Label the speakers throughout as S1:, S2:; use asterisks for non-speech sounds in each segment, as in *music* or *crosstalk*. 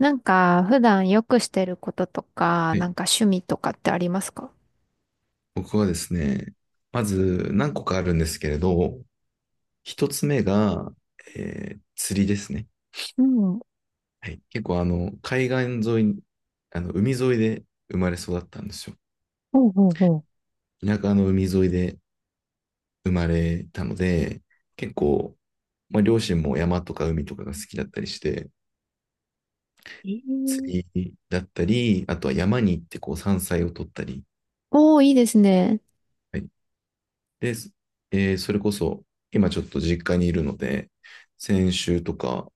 S1: 普段よくしてることとか、
S2: はい。
S1: 趣味とかってありますか？
S2: 僕はですね、まず何個かあるんですけれど、一つ目が、釣りですね。
S1: うん。
S2: はい、結構海岸沿いに、あの海沿いで生まれ育ったんですよ。
S1: ほうほうほう。
S2: 田舎の海沿いで生まれたので、結構、まあ、両親も山とか海とかが好きだったりして、
S1: ええ。
S2: 釣りだったり、あとは山に行ってこう山菜を取ったり、
S1: おー、いいですね。
S2: はい。で、それこそ今ちょっと実家にいるので、先週とか、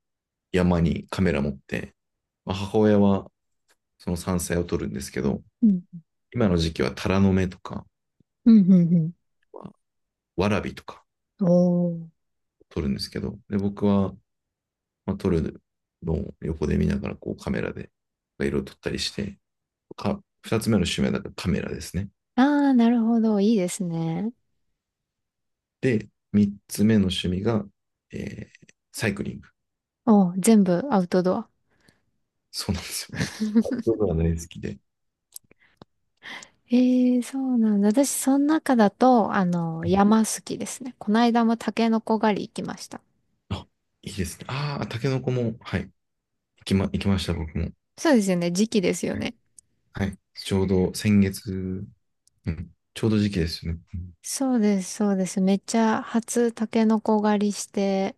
S2: 山にカメラ持って、まあ、母親はその山菜を撮るんですけど、
S1: うん。
S2: 今の時期はタラの芽とか、
S1: うん、うん、う
S2: わらびとか
S1: ん。おー。
S2: 撮るんですけど、で、僕は、まあ、撮るのを横で見ながらこうカメラで色を撮ったりして、か、二つ目の趣味はだからカメラですね。
S1: あー、なるほど。いいですね。
S2: で、三つ目の趣味が、サイクリング。
S1: おー、全部アウトドア。
S2: そうなんですよ。
S1: *laughs*
S2: 僕は大好きで。
S1: えー、そうなんだ。私、その中だと、
S2: うん。
S1: 山好きですね。この間もタケノコ狩り行きました。
S2: あ、いいですね。ああ、タケノコも、はい、行きま、行きました、僕も。
S1: そうですよね。時期ですよ
S2: はい。
S1: ね。
S2: はい、ちょうど先月、うん、ちょうど時期ですよね。うん。
S1: そうです、そうです。めっちゃ初タケノコ狩りして、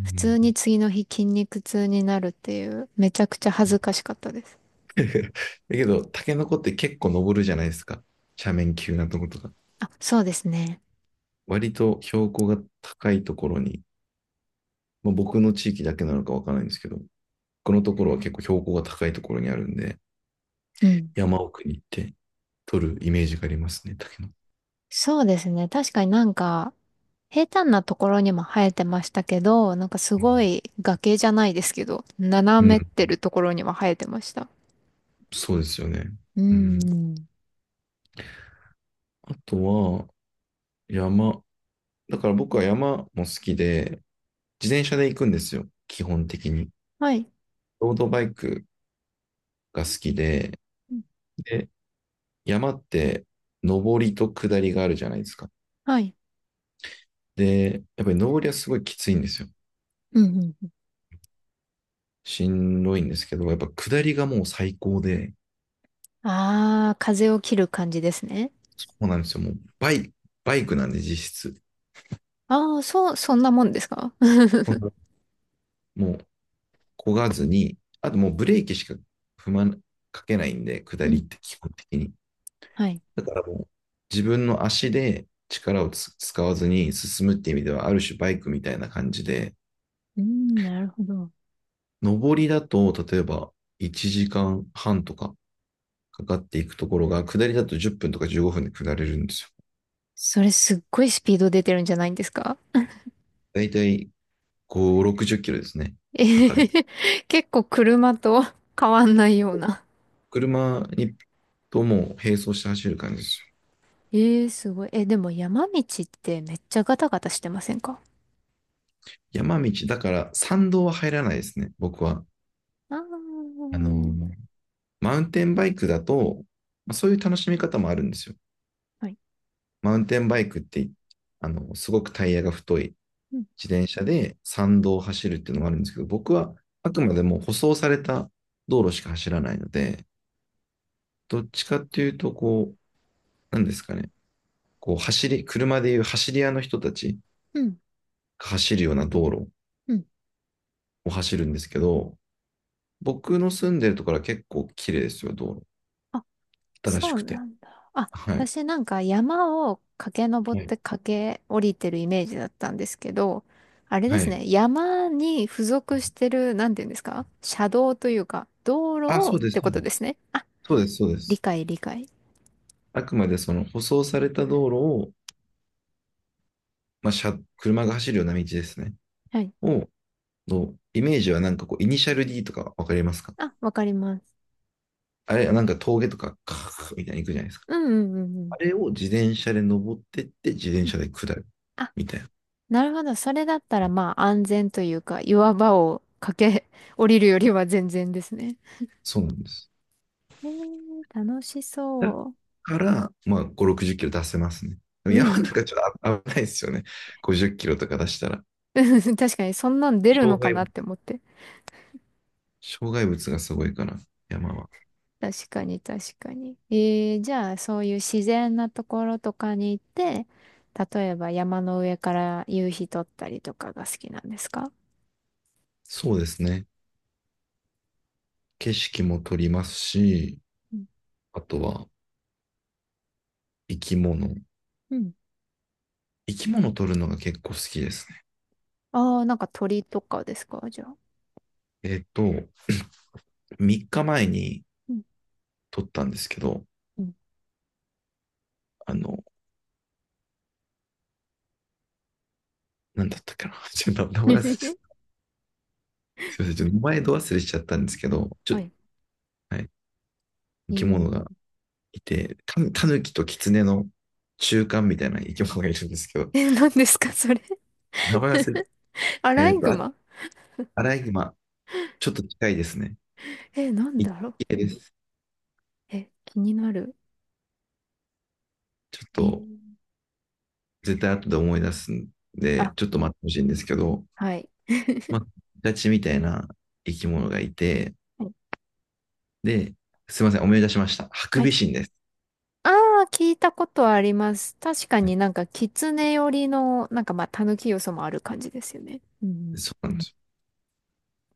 S2: う
S1: 普通に
S2: ん。
S1: 次の日筋肉痛になるっていう、めちゃくちゃ恥ずかしかったです。
S2: *laughs* だけど、タケノコって結構登るじゃないですか。斜面急なとことか。
S1: あ、そうですね。
S2: 割と標高が高いところに、まあ、僕の地域だけなのかわからないんですけど、このところは結構標高が高いところにあるんで、
S1: うん。
S2: 山奥に行って取るイメージがありますね、タケノコ。
S1: そうですね。確かに平坦なところにも生えてましたけど、すごい崖じゃないですけど、
S2: う
S1: 斜めっ
S2: ん、
S1: てるところにも生えてました。
S2: そうですよね。
S1: う
S2: うん。
S1: ん。
S2: あとは、山。だから僕は山も好きで、自転車で行くんですよ、基本的に。
S1: はい。
S2: ロードバイクが好きで、
S1: うん。
S2: で、山って上りと下りがあるじゃないですか。
S1: はいはい。
S2: で、やっぱり上りはすごいきついんですよ。
S1: うんうんう
S2: しんどいんですけど、やっぱ下りがもう最高で、
S1: ん。ああ、風を切る感じですね。
S2: そうなんですよ。もうバイ、バイクなんで実質。
S1: ああ、そう、そんなもんですか？
S2: そんな
S1: *laughs*
S2: もう漕がずに、あともうブレーキしか踏まな、かけないんで、下
S1: う
S2: りっ
S1: ん。
S2: て基本的に。
S1: はい。
S2: だからもう自分の足で力をつ使わずに進むっていう意味では、ある種バイクみたいな感じで、
S1: うん、なるほど。
S2: 上りだと、例えば1時間半とか、かかっていくところが、下りだと10分とか15分で下れるんですよ。
S1: それすっごいスピード出てるんじゃないんですか？
S2: だいたい5、60キロですね。
S1: ええ。
S2: 測る。
S1: *laughs* 結構車と変わんないような。
S2: 車にとも並走して走る感じです
S1: ええ、すごい。え、でも山道ってめっちゃガタガタしてませんか？
S2: よ。山道、だから山道は入らないですね、僕は。
S1: ああ
S2: あの
S1: ー、
S2: ーマウンテンバイクだと、まあそういう楽しみ方もあるんですよ。
S1: はい。
S2: マウンテンバイクって、あの、すごくタイヤが太い
S1: うん、
S2: 自転車で山道を走るっていうのもあるんですけど、僕はあくまでも舗装された道路しか走らないので、どっちかっていうと、こ、なんですかね、こう走り、車でいう走り屋の人たち
S1: うん、
S2: が走るような道路
S1: うん。
S2: を走るんですけど、僕の住んでるところは結構綺麗ですよ、道路。
S1: あ、
S2: 新
S1: そ
S2: し
S1: う
S2: くて。
S1: なんだ。あ、
S2: はい。
S1: 私なんか山を駆け上っ
S2: はい。
S1: て駆け降りてるイメージだったんですけど、あれで
S2: は
S1: す
S2: い。
S1: ね。山に付属してる、なんていうんですか、車道というか、道路
S2: あ、
S1: をっ
S2: そうです、
S1: て
S2: そ
S1: こ
S2: う
S1: と
S2: で
S1: です
S2: す。
S1: ね。あ、
S2: そうです、そうで
S1: 理
S2: す。
S1: 解、理解。
S2: あくまでその舗装された道路を、まあ、車、車が走るような道ですね。
S1: はい。
S2: を、のイメージはなんかこう、イニシャル D とかわかりますか？
S1: あ、わかります。
S2: あれ、なんか峠とか、カーッみたいに行くじゃないですか。
S1: うん、うん、うん、うん。
S2: あれを自転車で登ってって、自転車で下る。
S1: あ、
S2: みたいな。
S1: なるほど。それだったらまあ安全というか、岩場を駆け降りるよりは全然ですね。
S2: そうなんです。
S1: えー、楽し
S2: だ
S1: そ
S2: から、まあ、5、60キロ出せますね。でも
S1: う。う
S2: 山と
S1: ん。
S2: かちょっと危、危ないですよね。50キロとか出したら。
S1: *laughs* 確かに、そんなん出る
S2: 障
S1: のか
S2: 害
S1: なっ
S2: 物。
S1: て思って。
S2: 障害物がすごいから、山は。
S1: 確かに、確かに。えー、じゃあ、そういう自然なところとかに行って、例えば山の上から夕日撮ったりとかが好きなんですか？
S2: そうですね。景色も撮りますし、
S1: うん。
S2: あとは生き物。
S1: うん。
S2: 生き物撮るのが結構好きですね。
S1: ああ、鳥とかですか、じゃあ。
S2: えっと、3日前に
S1: うん。
S2: 撮ったんですけど、
S1: うん。
S2: あの、なんだったかな。*laughs* ちょっと名前忘れちゃ
S1: *laughs*
S2: った。すいません。ちょっと前度忘れしちゃったんですけど、ちょ、
S1: はい。
S2: はい。
S1: え
S2: 生き
S1: ー、
S2: 物がいて、タヌキとキツネの中間みたいな生き物がいるんですけど、
S1: え、何ですかそれ？
S2: 名前忘
S1: ア
S2: れ、
S1: ラ
S2: え
S1: イ
S2: っと、
S1: グ
S2: あ、
S1: マ。
S2: アライグマ、ちょっと近いですね。
S1: え、なん
S2: 一
S1: だろう。
S2: 系です。
S1: え、気になる。
S2: ちょっ
S1: え
S2: と、
S1: ー。
S2: 絶対後で思い出すんで、
S1: あ、
S2: ちょっと待ってほしいんですけど、
S1: はい。*laughs*
S2: まあ、ガチみたいな生き物がいて、
S1: はい
S2: で、すいません、思い出しました。ハク
S1: は
S2: ビ
S1: い。
S2: シンです。
S1: ああ、聞いたことあります。確か
S2: は
S1: に
S2: い、
S1: 狐寄りの、まあ、狸要素もある感じですよね。うん。
S2: そうなんですよ。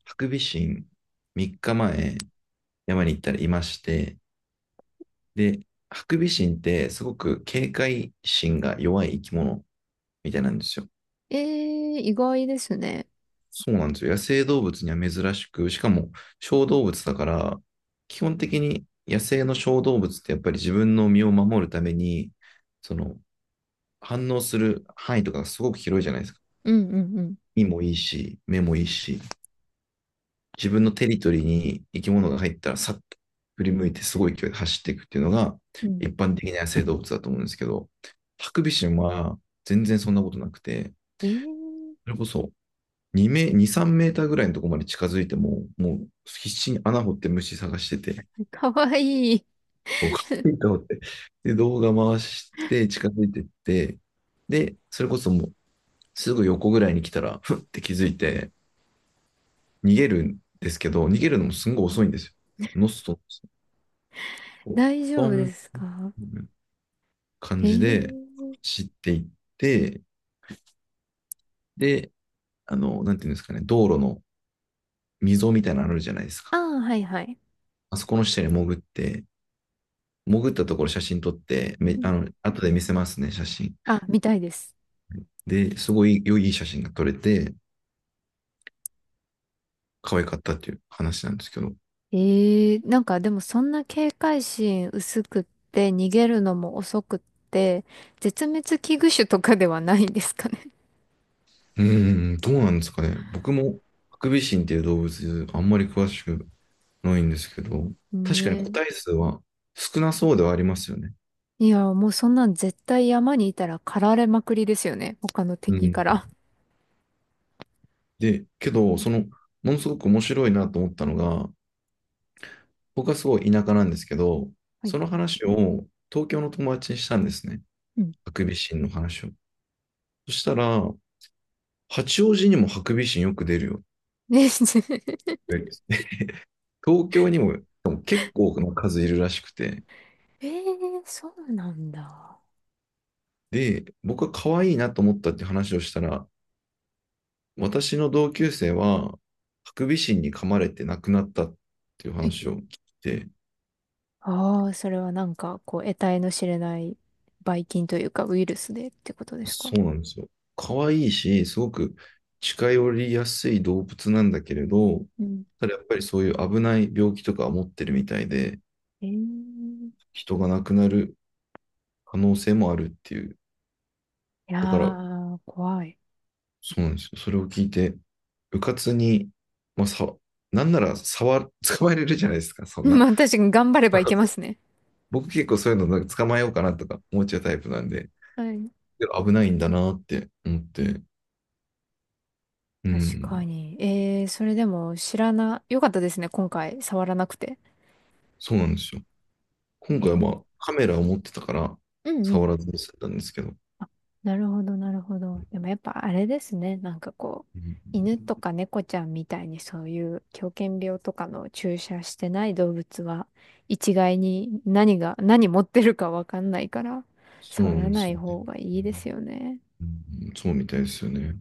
S2: ハクビシン、3日前、山に行ったらいまして、で、ハクビシンってすごく警戒心が弱い生き物みたいなんですよ。
S1: えー、意外ですね。
S2: そうなんですよ。野生動物には珍しく、しかも小動物だから、基本的に野生の小動物ってやっぱり自分の身を守るために、その反応する範囲とかがすごく広いじゃないですか。
S1: うんうんうん。
S2: 身もいいし、目もいいし、自分のテリトリーに生き物が入ったらさっと振り向いてすごい勢いで走っていくっていうのが
S1: うん。
S2: 一般的な野生動物だと思うんですけど、ハクビシンは全然そんなことなくて、
S1: え
S2: それこそ2メ、2、3メーターぐらいのところまで近づいても、もう必死に穴掘って虫探してて、
S1: ー、かわいい。
S2: *laughs* こうと思って、で、動画回して近づいてって、で、それこそもうすぐ横ぐらいに来たら、ふって気づいて、逃げるんですけど、逃げるのもすんごい遅いんですよ。ノストの
S1: 大丈
S2: ポ
S1: 夫で
S2: ン、
S1: すか？
S2: 感
S1: え
S2: じで
S1: ー。
S2: 走っていって、で、あの、なんていうんですかね、道路の溝みたいなのあるじゃないですか。
S1: ああ、はいはい。
S2: あそこの下に潜って、潜ったところ写真撮って、め、
S1: うん。
S2: あの、後で見せますね、写真。
S1: あ、見たいです。
S2: で、すごい良い写真が撮れて、可愛かったっていう話なんですけど。う
S1: ええ、でもそんな警戒心薄くって逃げるのも遅くって絶滅危惧種とかではないんですかね。
S2: ーん、どうなんですかね。僕も、ハクビシンっていう動物、あんまり詳しくないんですけど、
S1: *laughs*
S2: 確かに個
S1: ね。
S2: 体数は少なそうではありますよね。
S1: え。いや、もうそんなん絶対山にいたら狩られまくりですよね。他の
S2: う
S1: 敵
S2: ん。
S1: から。
S2: で、けど、その、ものすごく面白いなと思ったのが、僕はすごい田舎なんですけど、
S1: はい。
S2: その話を東京の友達にしたんですね。
S1: うん。
S2: ハクビシンの話を。そしたら、八王子にもハクビシンよく出るよ。
S1: ね。 *laughs*
S2: 東京にも結構な数いるらしくて。
S1: ええ、そうなんだ。
S2: で、僕は可愛いなと思ったって話をしたら、私の同級生は、ハクビシンに噛まれて亡くなったっていう話を聞いて、
S1: ああ、それは得体の知れないばい菌というか、ウイルスでってことですか？
S2: そうなんですよ。可愛いし、すごく近寄りやすい動物なんだけれど、
S1: うん。
S2: ただやっぱりそういう危ない病気とか持ってるみたいで、
S1: ええ。い
S2: 人が亡くなる可能性もあるっていう。
S1: や
S2: だから、
S1: ー、怖い。
S2: そうなんですよ。それを聞いて、うかつに、まあ、さ、なんなら触、*laughs* 捕まえれるじゃないですか、
S1: *laughs*
S2: そんな。
S1: まあ、確かに頑張ればいけま
S2: *laughs*
S1: すね。
S2: 僕結構そういうのなんか捕まえようかなとか思っちゃうタイプなんで、
S1: はい。
S2: でも危ないんだなって思って、う
S1: 確
S2: ん、
S1: かに。えー、それでも知らな、よかったですね、今回、触らなくて。
S2: そうなんですよ。今
S1: え
S2: 回はま
S1: ー、
S2: あカメラを持ってたから
S1: うんう
S2: 触
S1: ん。
S2: らずに済んだんですけど、
S1: あ、なるほど、なるほど。でもやっぱあれですね、
S2: うん、
S1: 犬とか猫ちゃんみたいにそういう狂犬病とかの注射してない動物は、一概に何が、何持ってるかわかんないから、
S2: そう
S1: 触
S2: な
S1: ら
S2: んで
S1: な
S2: す
S1: い
S2: よね。
S1: 方がいいですよね。
S2: うん、そうみたいですよね。